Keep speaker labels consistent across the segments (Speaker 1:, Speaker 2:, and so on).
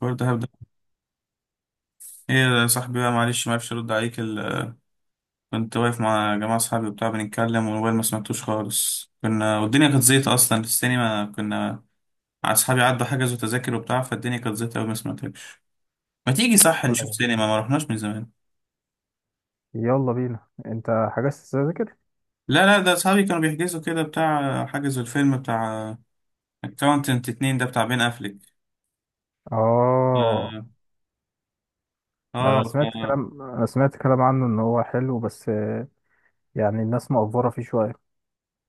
Speaker 1: برضه هبدأ. ايه يا صاحبي بقى، معلش معرفش ارد عليك كنت واقف مع جماعة صحابي وبتاع بنتكلم، والموبايل ما سمعتوش خالص. كنا، والدنيا كانت زيطة اصلا، في السينما كنا مع اصحابي، عدوا حجزوا تذاكر وبتاع، فالدنيا كانت زيطة أوي ما سمعتكش. ما تيجي صح
Speaker 2: ولا
Speaker 1: نشوف سينما؟
Speaker 2: يهمك.
Speaker 1: ما رحناش من زمان.
Speaker 2: يلا بينا، انت حجزت التذاكر؟
Speaker 1: لا لا، ده اصحابي كانوا بيحجزوا كده بتاع، حجزوا الفيلم بتاع اكاونتنت اتنين، ده بتاع بين افليك.
Speaker 2: اه،
Speaker 1: اه.
Speaker 2: ده
Speaker 1: آه،
Speaker 2: انا سمعت كلام، عنه ان هو حلو، بس يعني الناس مقفره فيه شويه،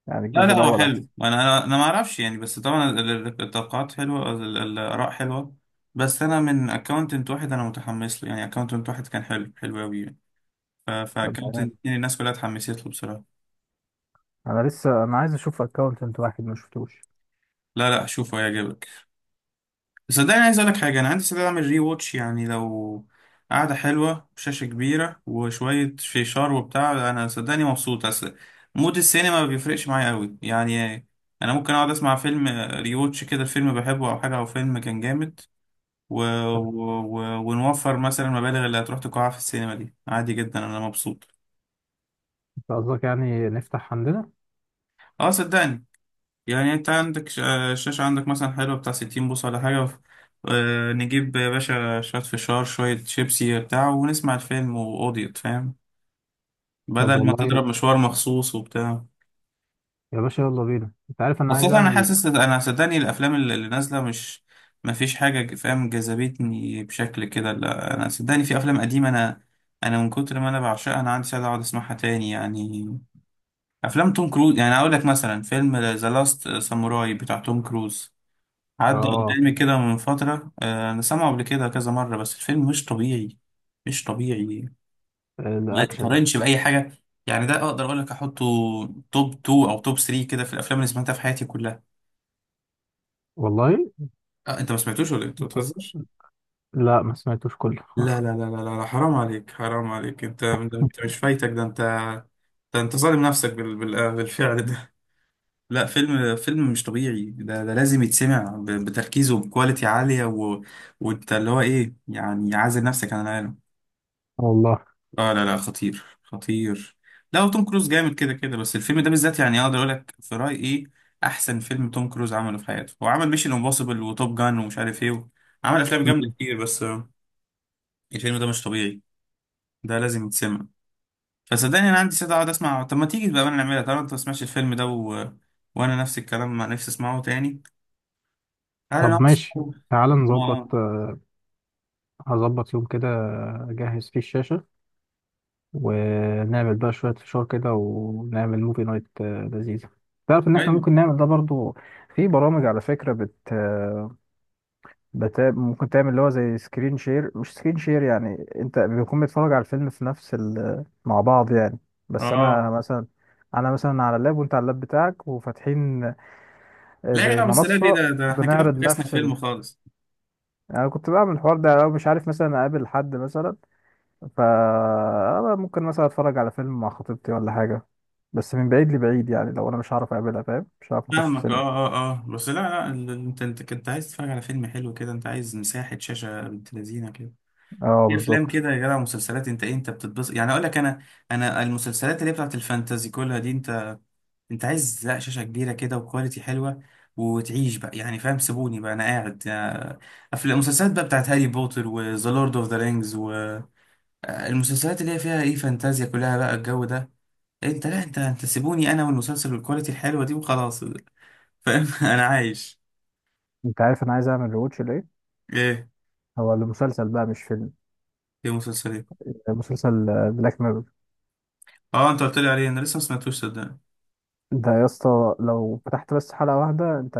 Speaker 2: يعني
Speaker 1: لا
Speaker 2: الجزء
Speaker 1: لا، هو
Speaker 2: الاول
Speaker 1: حلو.
Speaker 2: احسن.
Speaker 1: انا انا أنا ما اعرفش يعني، بس طبعا التوقعات حلوه، الاراء حلوه. بس انا من اكونتنت واحد انا متحمس له يعني، اكونتنت واحد كان حلو، حلو قوي. يعني
Speaker 2: طب
Speaker 1: فاكونتنت
Speaker 2: يعني
Speaker 1: اتنين الناس كلها اتحمست له بصراحه.
Speaker 2: انا لسه عايز اشوف اكونت واحد، ما شفتوش.
Speaker 1: لا لا، شوفه هيعجبك. بس صدقني عايز اقول لك حاجه، انا عندي استعداد اعمل ري واتش يعني، لو قعده حلوه شاشه كبيره وشويه فيشار وبتاع، انا صدقني مبسوط. اصل مود السينما ما بيفرقش معايا قوي يعني. انا ممكن اقعد اسمع فيلم ريوتش كده، الفيلم بحبه او حاجه، او فيلم كان جامد و...
Speaker 2: طب
Speaker 1: و... و... ونوفر مثلا المبالغ اللي هتروح تقاعها في السينما، دي عادي جدا، انا مبسوط.
Speaker 2: انت قصدك يعني نفتح عندنا؟
Speaker 1: اه صدقني. يعني انت عندك الشاشة عندك مثلا حلوة بتاع 60 بوصة ولا حاجة. نجيب يا باشا شوية فشار شوية شيبسي بتاع، ونسمع الفيلم وقضيت فاهم،
Speaker 2: طب
Speaker 1: بدل ما
Speaker 2: والله
Speaker 1: تضرب مشوار مخصوص وبتاع.
Speaker 2: يا باشا، يلا بينا. انت عارف انا عايز
Speaker 1: خاصة أنا
Speaker 2: اعمل؟
Speaker 1: حاسس، أنا صدقني الأفلام اللي نازلة مش، ما فيش حاجة فاهم جذبتني بشكل كده. لا أنا صدقني في أفلام قديمة، أنا من كتر ما أنا بعشقها، أنا عندي سعادة أقعد أسمعها تاني يعني. افلام توم كروز، يعني اقول لك مثلا فيلم ذا لاست ساموراي بتاع توم كروز، عدى
Speaker 2: اه
Speaker 1: قدامي كده من فتره. انا سامعه قبل كده كذا مره، بس الفيلم مش طبيعي، مش طبيعي. ما
Speaker 2: الاكشن.
Speaker 1: يتقارنش باي حاجه. يعني ده اقدر اقول لك احطه توب 2 او توب 3 كده في الافلام اللي سمعتها في حياتي كلها.
Speaker 2: والله.
Speaker 1: أه انت ما سمعتوش ولا إيه؟ انت
Speaker 2: انت...
Speaker 1: بتهزر.
Speaker 2: لا، ما سمعتوش كله
Speaker 1: لا لا لا لا لا لا، حرام عليك، حرام عليك. انت مش فايتك ده. انت ظالم نفسك بالفعل. لا، فيلم مش طبيعي ده لازم يتسمع بتركيز وبكواليتي عالية وانت اللي هو ايه، يعني عازل نفسك عن العالم.
Speaker 2: والله.
Speaker 1: اه لا لا، خطير خطير. لا، وتوم كروز جامد كده كده، بس الفيلم ده بالذات يعني اقدر اقول لك في رأيي ايه احسن فيلم توم كروز عمله في حياته. هو عمل ميشن امبوسيبل وتوب جان ومش عارف ايه، عمل افلام جامدة
Speaker 2: مم.
Speaker 1: كتير، بس الفيلم ده مش طبيعي. ده لازم يتسمع. فصدقني انا عندي سعادة اقعد اسمع. طب ما تيجي بقى نعملها طالما انت ما سمعتش الفيلم ده؟ وانا نفس الكلام، ما نفسي اسمعه تاني. انا انا
Speaker 2: طب ماشي،
Speaker 1: أصلاً-
Speaker 2: تعال نظبط.
Speaker 1: آه.
Speaker 2: هظبط يوم كده، أجهز فيه الشاشة ونعمل بقى شوية فشار كده، ونعمل موفي نايت، لذيذة. تعرف إن إحنا
Speaker 1: ايوه،
Speaker 2: ممكن نعمل ده برضو؟ في برامج على فكرة ممكن تعمل اللي هو زي سكرين شير. مش سكرين شير يعني، أنت بيكون بيتفرج على الفيلم في نفس مع بعض يعني. بس أنا
Speaker 1: اه.
Speaker 2: مثلا، أنا مثلا على اللاب وأنت على اللاب بتاعك وفاتحين
Speaker 1: لا
Speaker 2: زي
Speaker 1: لا بس، لا دي،
Speaker 2: منصة،
Speaker 1: ده احنا كده
Speaker 2: بنعرض
Speaker 1: فكسنا
Speaker 2: نفس
Speaker 1: فيلم خالص.
Speaker 2: يعني أنا كنت بعمل الحوار ده لو مش عارف مثلا أقابل حد مثلا، فا ممكن مثلا اتفرج على فيلم مع خطيبتي ولا حاجة، بس من بعيد لبعيد. يعني لو انا مش هعرف اقابلها، فاهم؟ مش هعرف نخش
Speaker 1: فاهمك،
Speaker 2: سينما.
Speaker 1: اه اه اه. بس لا لا، انت كنت عايز تتفرج على فيلم حلو كده، انت عايز مساحة شاشة بنت لذينة كده.
Speaker 2: اه
Speaker 1: في افلام
Speaker 2: بالظبط.
Speaker 1: كده يا جدع، مسلسلات، انت ايه، انت بتتبسط يعني. اقول لك انا، المسلسلات اللي هي بتاعت الفانتازي كلها دي، انت عايز لا شاشة كبيرة كده وكواليتي حلوة، وتعيش بقى يعني، فاهم. سيبوني بقى انا قاعد. افلام مسلسلات بقى بتاعت هاري بوتر وذا لورد اوف ذا رينجز، المسلسلات اللي هي فيها ايه فانتازيا كلها بقى، الجو ده انت، لا انت سيبوني انا والمسلسل والكواليتي الحلوه دي وخلاص، فاهم. انا عايش.
Speaker 2: انت عارف انا عايز اعمل ريواتش لايه؟
Speaker 1: ايه؟
Speaker 2: هو لمسلسل بقى مش فيلم،
Speaker 1: ايه مسلسلات.
Speaker 2: مسلسل بلاك ميرور.
Speaker 1: اه انت قلت لي عليه، انا لسه ما سمعتوش صدقني.
Speaker 2: ده يا اسطى، لو فتحت بس حلقة واحدة انت،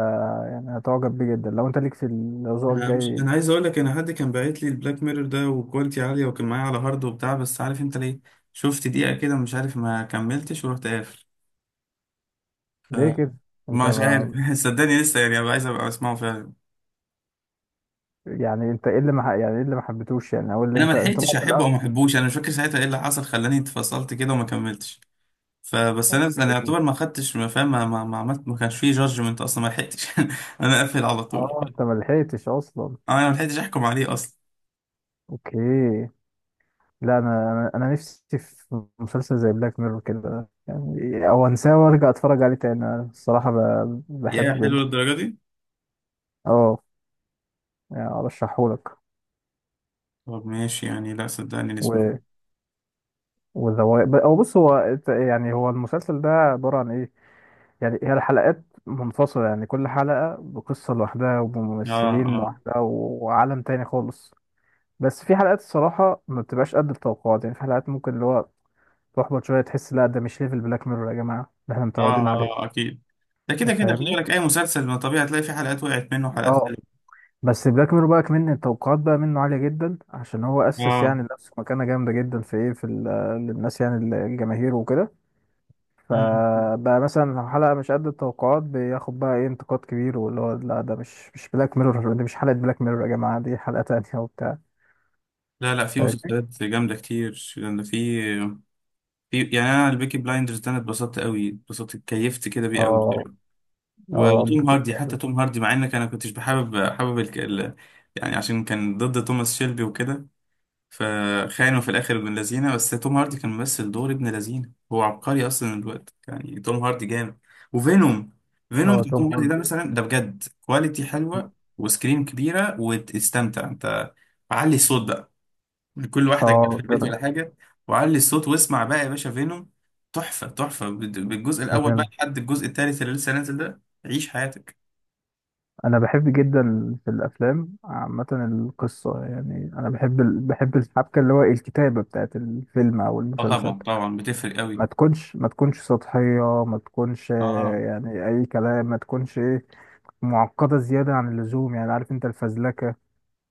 Speaker 2: يعني هتعجب بيه جدا، لو انت ليك في لو ذوقك
Speaker 1: انا مش
Speaker 2: جاي.
Speaker 1: انا عايز اقول لك، انا حد كان باعت لي البلاك ميرور ده وكواليتي عاليه، وكان معايا على هارد وبتاع، بس عارف انت ليه؟ شفت دقيقه كده مش عارف، ما كملتش ورحت قافل. ف
Speaker 2: ليه كده؟ انت
Speaker 1: مش عارف.
Speaker 2: ما
Speaker 1: صدقني لسه يعني، عايز ابقى اسمعه فعلا.
Speaker 2: يعني انت ايه اللي ما ح- يعني ايه اللي ما حبيتوش يعني، او اللي
Speaker 1: انا ما
Speaker 2: انت
Speaker 1: لحقتش
Speaker 2: بقى في
Speaker 1: احبه او
Speaker 2: الاول.
Speaker 1: ما احبوش. انا مش فاكر ساعتها ايه اللي حصل خلاني اتفصلت كده وما كملتش. فبس انا،
Speaker 2: اوكي.
Speaker 1: يعتبر ما خدتش، ما فاهم، ما عملت، ما كانش فيه جادجمنت اصلا، ما لحقتش. انا قافل على طول.
Speaker 2: اه انت ما لحقتش اصلا.
Speaker 1: انا ما لحقتش احكم عليه اصلا.
Speaker 2: اوكي. لا انا نفسي في مسلسل زي بلاك ميرور كده، يعني او انساه وارجع اتفرج عليه تاني. أنا الصراحه
Speaker 1: يا
Speaker 2: بحبه
Speaker 1: حلو
Speaker 2: جدا.
Speaker 1: للدرجه دي؟
Speaker 2: اه، يعني ارشحهولك.
Speaker 1: طب ماشي يعني، لا صدقني نسمع.
Speaker 2: و وذوي او بص، هو يعني هو المسلسل ده عباره عن ايه؟ يعني هي الحلقات منفصله، يعني كل حلقه بقصه لوحدها
Speaker 1: اه
Speaker 2: وبممثلين
Speaker 1: اه
Speaker 2: لوحدها وعالم تاني خالص. بس في حلقات الصراحه ما بتبقاش قد التوقعات، يعني في حلقات ممكن اللي هو تحبط شويه، تحس لا ده مش ليفل بلاك ميرور يا جماعه اللي احنا
Speaker 1: اه
Speaker 2: متعودين عليه.
Speaker 1: اه، اكيد. ده كده كده، خلي
Speaker 2: فاهمني؟
Speaker 1: بالك اي مسلسل ما طبيعي هتلاقي فيه حلقات وقعت منه وحلقات
Speaker 2: اه
Speaker 1: حلوه.
Speaker 2: بس بلاك ميرور بقى كمان التوقعات بقى منه عالية جدا، عشان هو أسس يعني
Speaker 1: اه.
Speaker 2: لنفسه مكانة جامدة جدا في إيه، في للناس يعني الجماهير وكده.
Speaker 1: مم.
Speaker 2: فبقى مثلا لو حلقة مش قد التوقعات، بياخد بقى إيه، انتقاد كبير، واللي هو لا ده مش بلاك ميرور، دي مش حلقة بلاك ميرور يا جماعة، دي حلقة تانية وبتاع.
Speaker 1: لا لا، في
Speaker 2: فاهمني؟
Speaker 1: مسلسلات جامده كتير. جامده في، يعني انا البيكي بلايندرز ده، انا اتبسطت قوي، اتبسطت اتكيفت كده بيه قوي.
Speaker 2: اه اه
Speaker 1: وتوم هاردي، حتى
Speaker 2: بت-
Speaker 1: توم هاردي، مع انك انا كنتش حابب يعني عشان كان ضد توماس شيلبي وكده، فخانوا في الاخر ابن لذينه. بس توم هاردي كان ممثل دور ابن لذينه، هو عبقري اصلا الوقت، يعني توم هاردي جامد. وفينوم، فينوم
Speaker 2: هو
Speaker 1: بتاع
Speaker 2: توم
Speaker 1: توم هاردي ده
Speaker 2: هاردي.
Speaker 1: مثلا، ده بجد كواليتي حلوه وسكرين كبيره وتستمتع انت. علي الصوت بقى، كل واحده جت في
Speaker 2: اه
Speaker 1: البيت ولا حاجه، وعلي الصوت، واسمع بقى يا باشا فينوم. تحفه، تحفه بالجزء الاول بقى
Speaker 2: بجد.
Speaker 1: لحد الجزء الثالث اللي لسه نازل ده، عيش حياتك.
Speaker 2: انا بحب جدا في الافلام عامه القصه، يعني انا بحب بحب الحبكه، اللي هو الكتابه بتاعت الفيلم او
Speaker 1: اه
Speaker 2: المسلسل.
Speaker 1: طبعا طبعا، بتفرق قوي.
Speaker 2: ما تكونش سطحيه، ما تكونش
Speaker 1: اه
Speaker 2: يعني اي كلام، ما تكونش ايه، معقده زياده عن اللزوم. يعني عارف انت الفزلكه،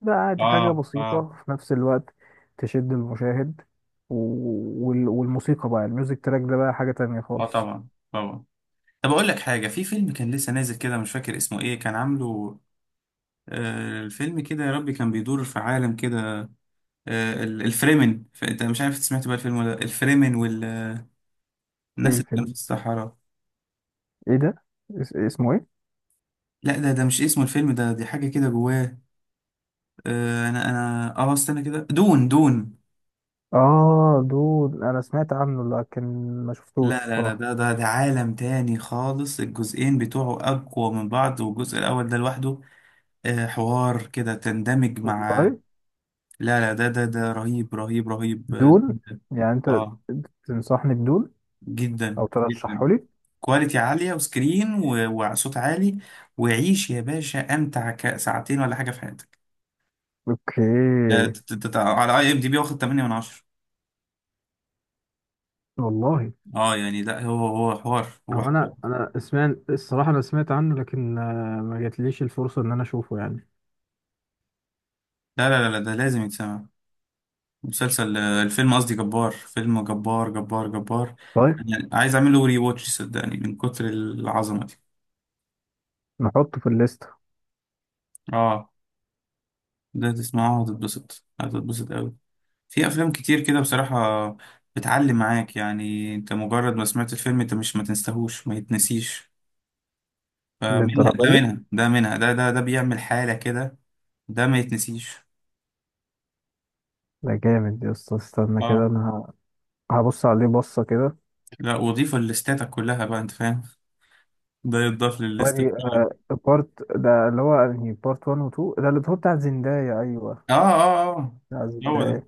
Speaker 2: ده عادي حاجه
Speaker 1: اه اه
Speaker 2: بسيطه في نفس الوقت، تشد المشاهد. و... والموسيقى بقى، الميوزك تراك ده بقى حاجه تانية
Speaker 1: اه،
Speaker 2: خالص.
Speaker 1: طبعا طبعا. طب اقول لك حاجه، في فيلم كان لسه نازل كده، مش فاكر اسمه ايه كان عامله. الفيلم كده، يا ربي، كان بيدور في عالم كده. الفريمن، انت مش عارف، سمعت بقى الفيلم ولا لأ؟ الفريمن والناس اللي
Speaker 2: ايه
Speaker 1: كانوا في
Speaker 2: الفيلم؟
Speaker 1: الصحراء.
Speaker 2: ايه ده؟ اسمه ايه؟
Speaker 1: لا ده مش اسمه الفيلم ده، دي حاجه كده جواه. انا استنى كده، دون، دون.
Speaker 2: اه دون. انا سمعت عنه لكن ما شفتوش
Speaker 1: لا لا لا،
Speaker 2: الصراحه.
Speaker 1: ده عالم تاني خالص. الجزئين بتوعه اقوى من بعض، والجزء الاول ده لوحده حوار كده تندمج مع.
Speaker 2: والله.
Speaker 1: لا لا، ده رهيب رهيب رهيب.
Speaker 2: دون. يعني انت
Speaker 1: اه. آه،
Speaker 2: تنصحني بدون
Speaker 1: جدا
Speaker 2: او
Speaker 1: جدا،
Speaker 2: ترشحه لي؟
Speaker 1: كواليتي عالية وسكرين وصوت عالي، وعيش يا باشا امتع ساعتين ولا حاجة في حياتك. ده
Speaker 2: اوكي.
Speaker 1: ده على اي ام دي بي واخد 8 من 10.
Speaker 2: والله
Speaker 1: اه يعني لا، هو حوار، هو
Speaker 2: هو، انا
Speaker 1: حوار.
Speaker 2: انا سمعت الصراحه، انا سمعت عنه لكن ما جاتليش الفرصه ان انا اشوفه يعني.
Speaker 1: لا لا لا لا، ده لازم يتسمع. مسلسل، الفيلم قصدي، جبار. فيلم جبار، جبار جبار.
Speaker 2: طيب،
Speaker 1: يعني عايز اعمل له ري واتش صدقني من كتر العظمة دي.
Speaker 2: نحطه في الليست.
Speaker 1: اه. ده تسمعها وتتبسط، هتتبسط قوي. في افلام كتير كده بصراحة بتعلم معاك يعني، انت مجرد ما سمعت الفيلم انت مش ما تنساهوش، ما يتنسيش. فمنها
Speaker 2: للدرجه
Speaker 1: ده،
Speaker 2: دي؟
Speaker 1: منها ده، منها ده بيعمل حالة كده. ده ما يتنسيش.
Speaker 2: ده جامد يا اسطى. استنى كده
Speaker 1: اه.
Speaker 2: انا هبص عليه بصه كده.
Speaker 1: لا وضيف لستاتك كلها بقى انت، فاهم. ده يتضاف للستات
Speaker 2: وادي
Speaker 1: كلها.
Speaker 2: بارت، ده اللي هو انهي، بارت 1 و 2؟ ده اللي هو بتاع زندايا، ايوه
Speaker 1: اه اه اه،
Speaker 2: بتاع
Speaker 1: هو ده.
Speaker 2: زندايا.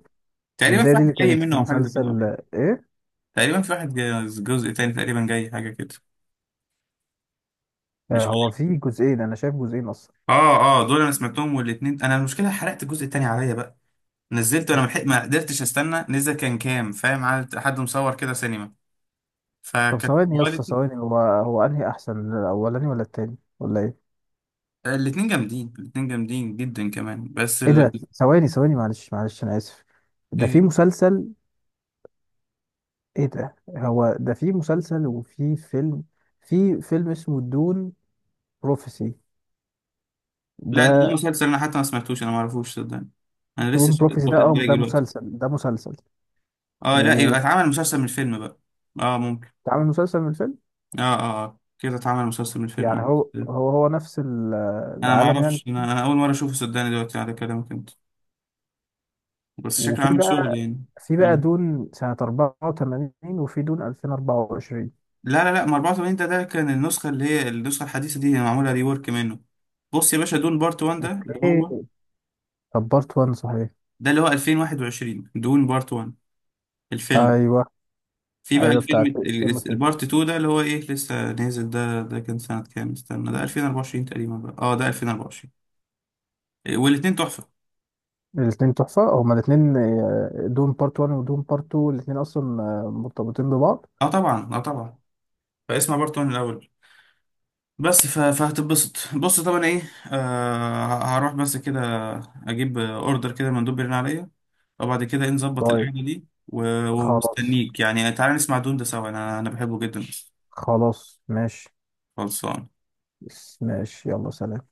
Speaker 1: تقريبا في
Speaker 2: زندايا دي
Speaker 1: واحد
Speaker 2: اللي
Speaker 1: جاي
Speaker 2: كانت في
Speaker 1: منه او حاجة زي كده
Speaker 2: مسلسل
Speaker 1: قبل،
Speaker 2: ايه؟
Speaker 1: تقريبا في واحد جزء تاني تقريبا جاي حاجة كده، مش
Speaker 2: هو
Speaker 1: فاكر.
Speaker 2: فيه جزئين، انا شايف جزئين اصلا.
Speaker 1: اه. اه دول انا سمعتهم، والاتنين انا المشكلة، حرقت الجزء التاني عليا بقى، نزلته انا ملحق ما قدرتش استنى، نزل كان كام فاهم، عاد حد مصور كده سينما،
Speaker 2: طب
Speaker 1: فكانت
Speaker 2: ثواني يا اسطى
Speaker 1: كواليتي.
Speaker 2: ثواني، هو هو انهي احسن، الاولاني ولا التاني ولا ايه؟
Speaker 1: الاتنين جامدين، الاتنين جامدين جدا كمان، بس
Speaker 2: ايه ده؟ ثواني ثواني، معلش معلش، انا اسف، ده
Speaker 1: إيه.
Speaker 2: في مسلسل؟ ايه ده، هو ده في مسلسل وفي فيلم؟ في فيلم اسمه دون بروفيسي؟
Speaker 1: لا ده ليه
Speaker 2: ده
Speaker 1: مسلسل، انا حتى ما سمعتوش، انا ما اعرفوش صدقني. انا لسه
Speaker 2: دون بروفيسي ده،
Speaker 1: واخد
Speaker 2: اه ده
Speaker 1: بالي دلوقتي.
Speaker 2: مسلسل، ده مسلسل.
Speaker 1: اه، لا يبقى
Speaker 2: واتعمل
Speaker 1: اتعمل مسلسل من الفيلم بقى. اه ممكن.
Speaker 2: مسلسل من الفيلم؟
Speaker 1: اه اه. آه. كده اتعمل مسلسل من الفيلم.
Speaker 2: يعني هو هو هو نفس
Speaker 1: انا ما
Speaker 2: العالم يعني.
Speaker 1: اعرفش، انا انا اول مره اشوفه صدقني دلوقتي على كلامك انت. بس شكله
Speaker 2: وفي
Speaker 1: عامل
Speaker 2: بقى،
Speaker 1: شغل يعني.
Speaker 2: في بقى
Speaker 1: اه
Speaker 2: دون سنة 84، وفي دون 2024.
Speaker 1: لا لا لا، ما 84 ده كان النسخة اللي هي النسخة الحديثة دي، هي معمولة ريورك منه. بص يا باشا، دون بارت 1 ده اللي هو،
Speaker 2: اوكي. طب بارت 1 صحيح،
Speaker 1: 2021. دون بارت 1 الفيلم.
Speaker 2: ايوه.
Speaker 1: في بقى
Speaker 2: ايوه
Speaker 1: الفيلم
Speaker 2: بتاعت تيموثي.
Speaker 1: البارت 2 ده اللي هو ايه لسه نازل ده ده كان سنة كام، استنى، ده 2024 تقريبا بقى. اه ده 2024. والاتنين تحفة.
Speaker 2: الاثنين تحفة، هما الاثنين دون بارت 1 ودون بارت 2، الاثنين اصلا مرتبطين ببعض.
Speaker 1: اه طبعا اه طبعا. فاسمع بارت 1 الأول بس، فهتتبسط بص طبعا ايه. هروح بس كده اجيب اوردر، كده مندوب بيرن عليا. فبعد كده ايه، نظبط
Speaker 2: طيب
Speaker 1: القعدة دي
Speaker 2: خلاص،
Speaker 1: ومستنيك يعني، تعالى نسمع دون ده سوا. انا انا بحبه جدا.
Speaker 2: خلاص ماشي.
Speaker 1: خلصان.
Speaker 2: ماشي، يلا سلام.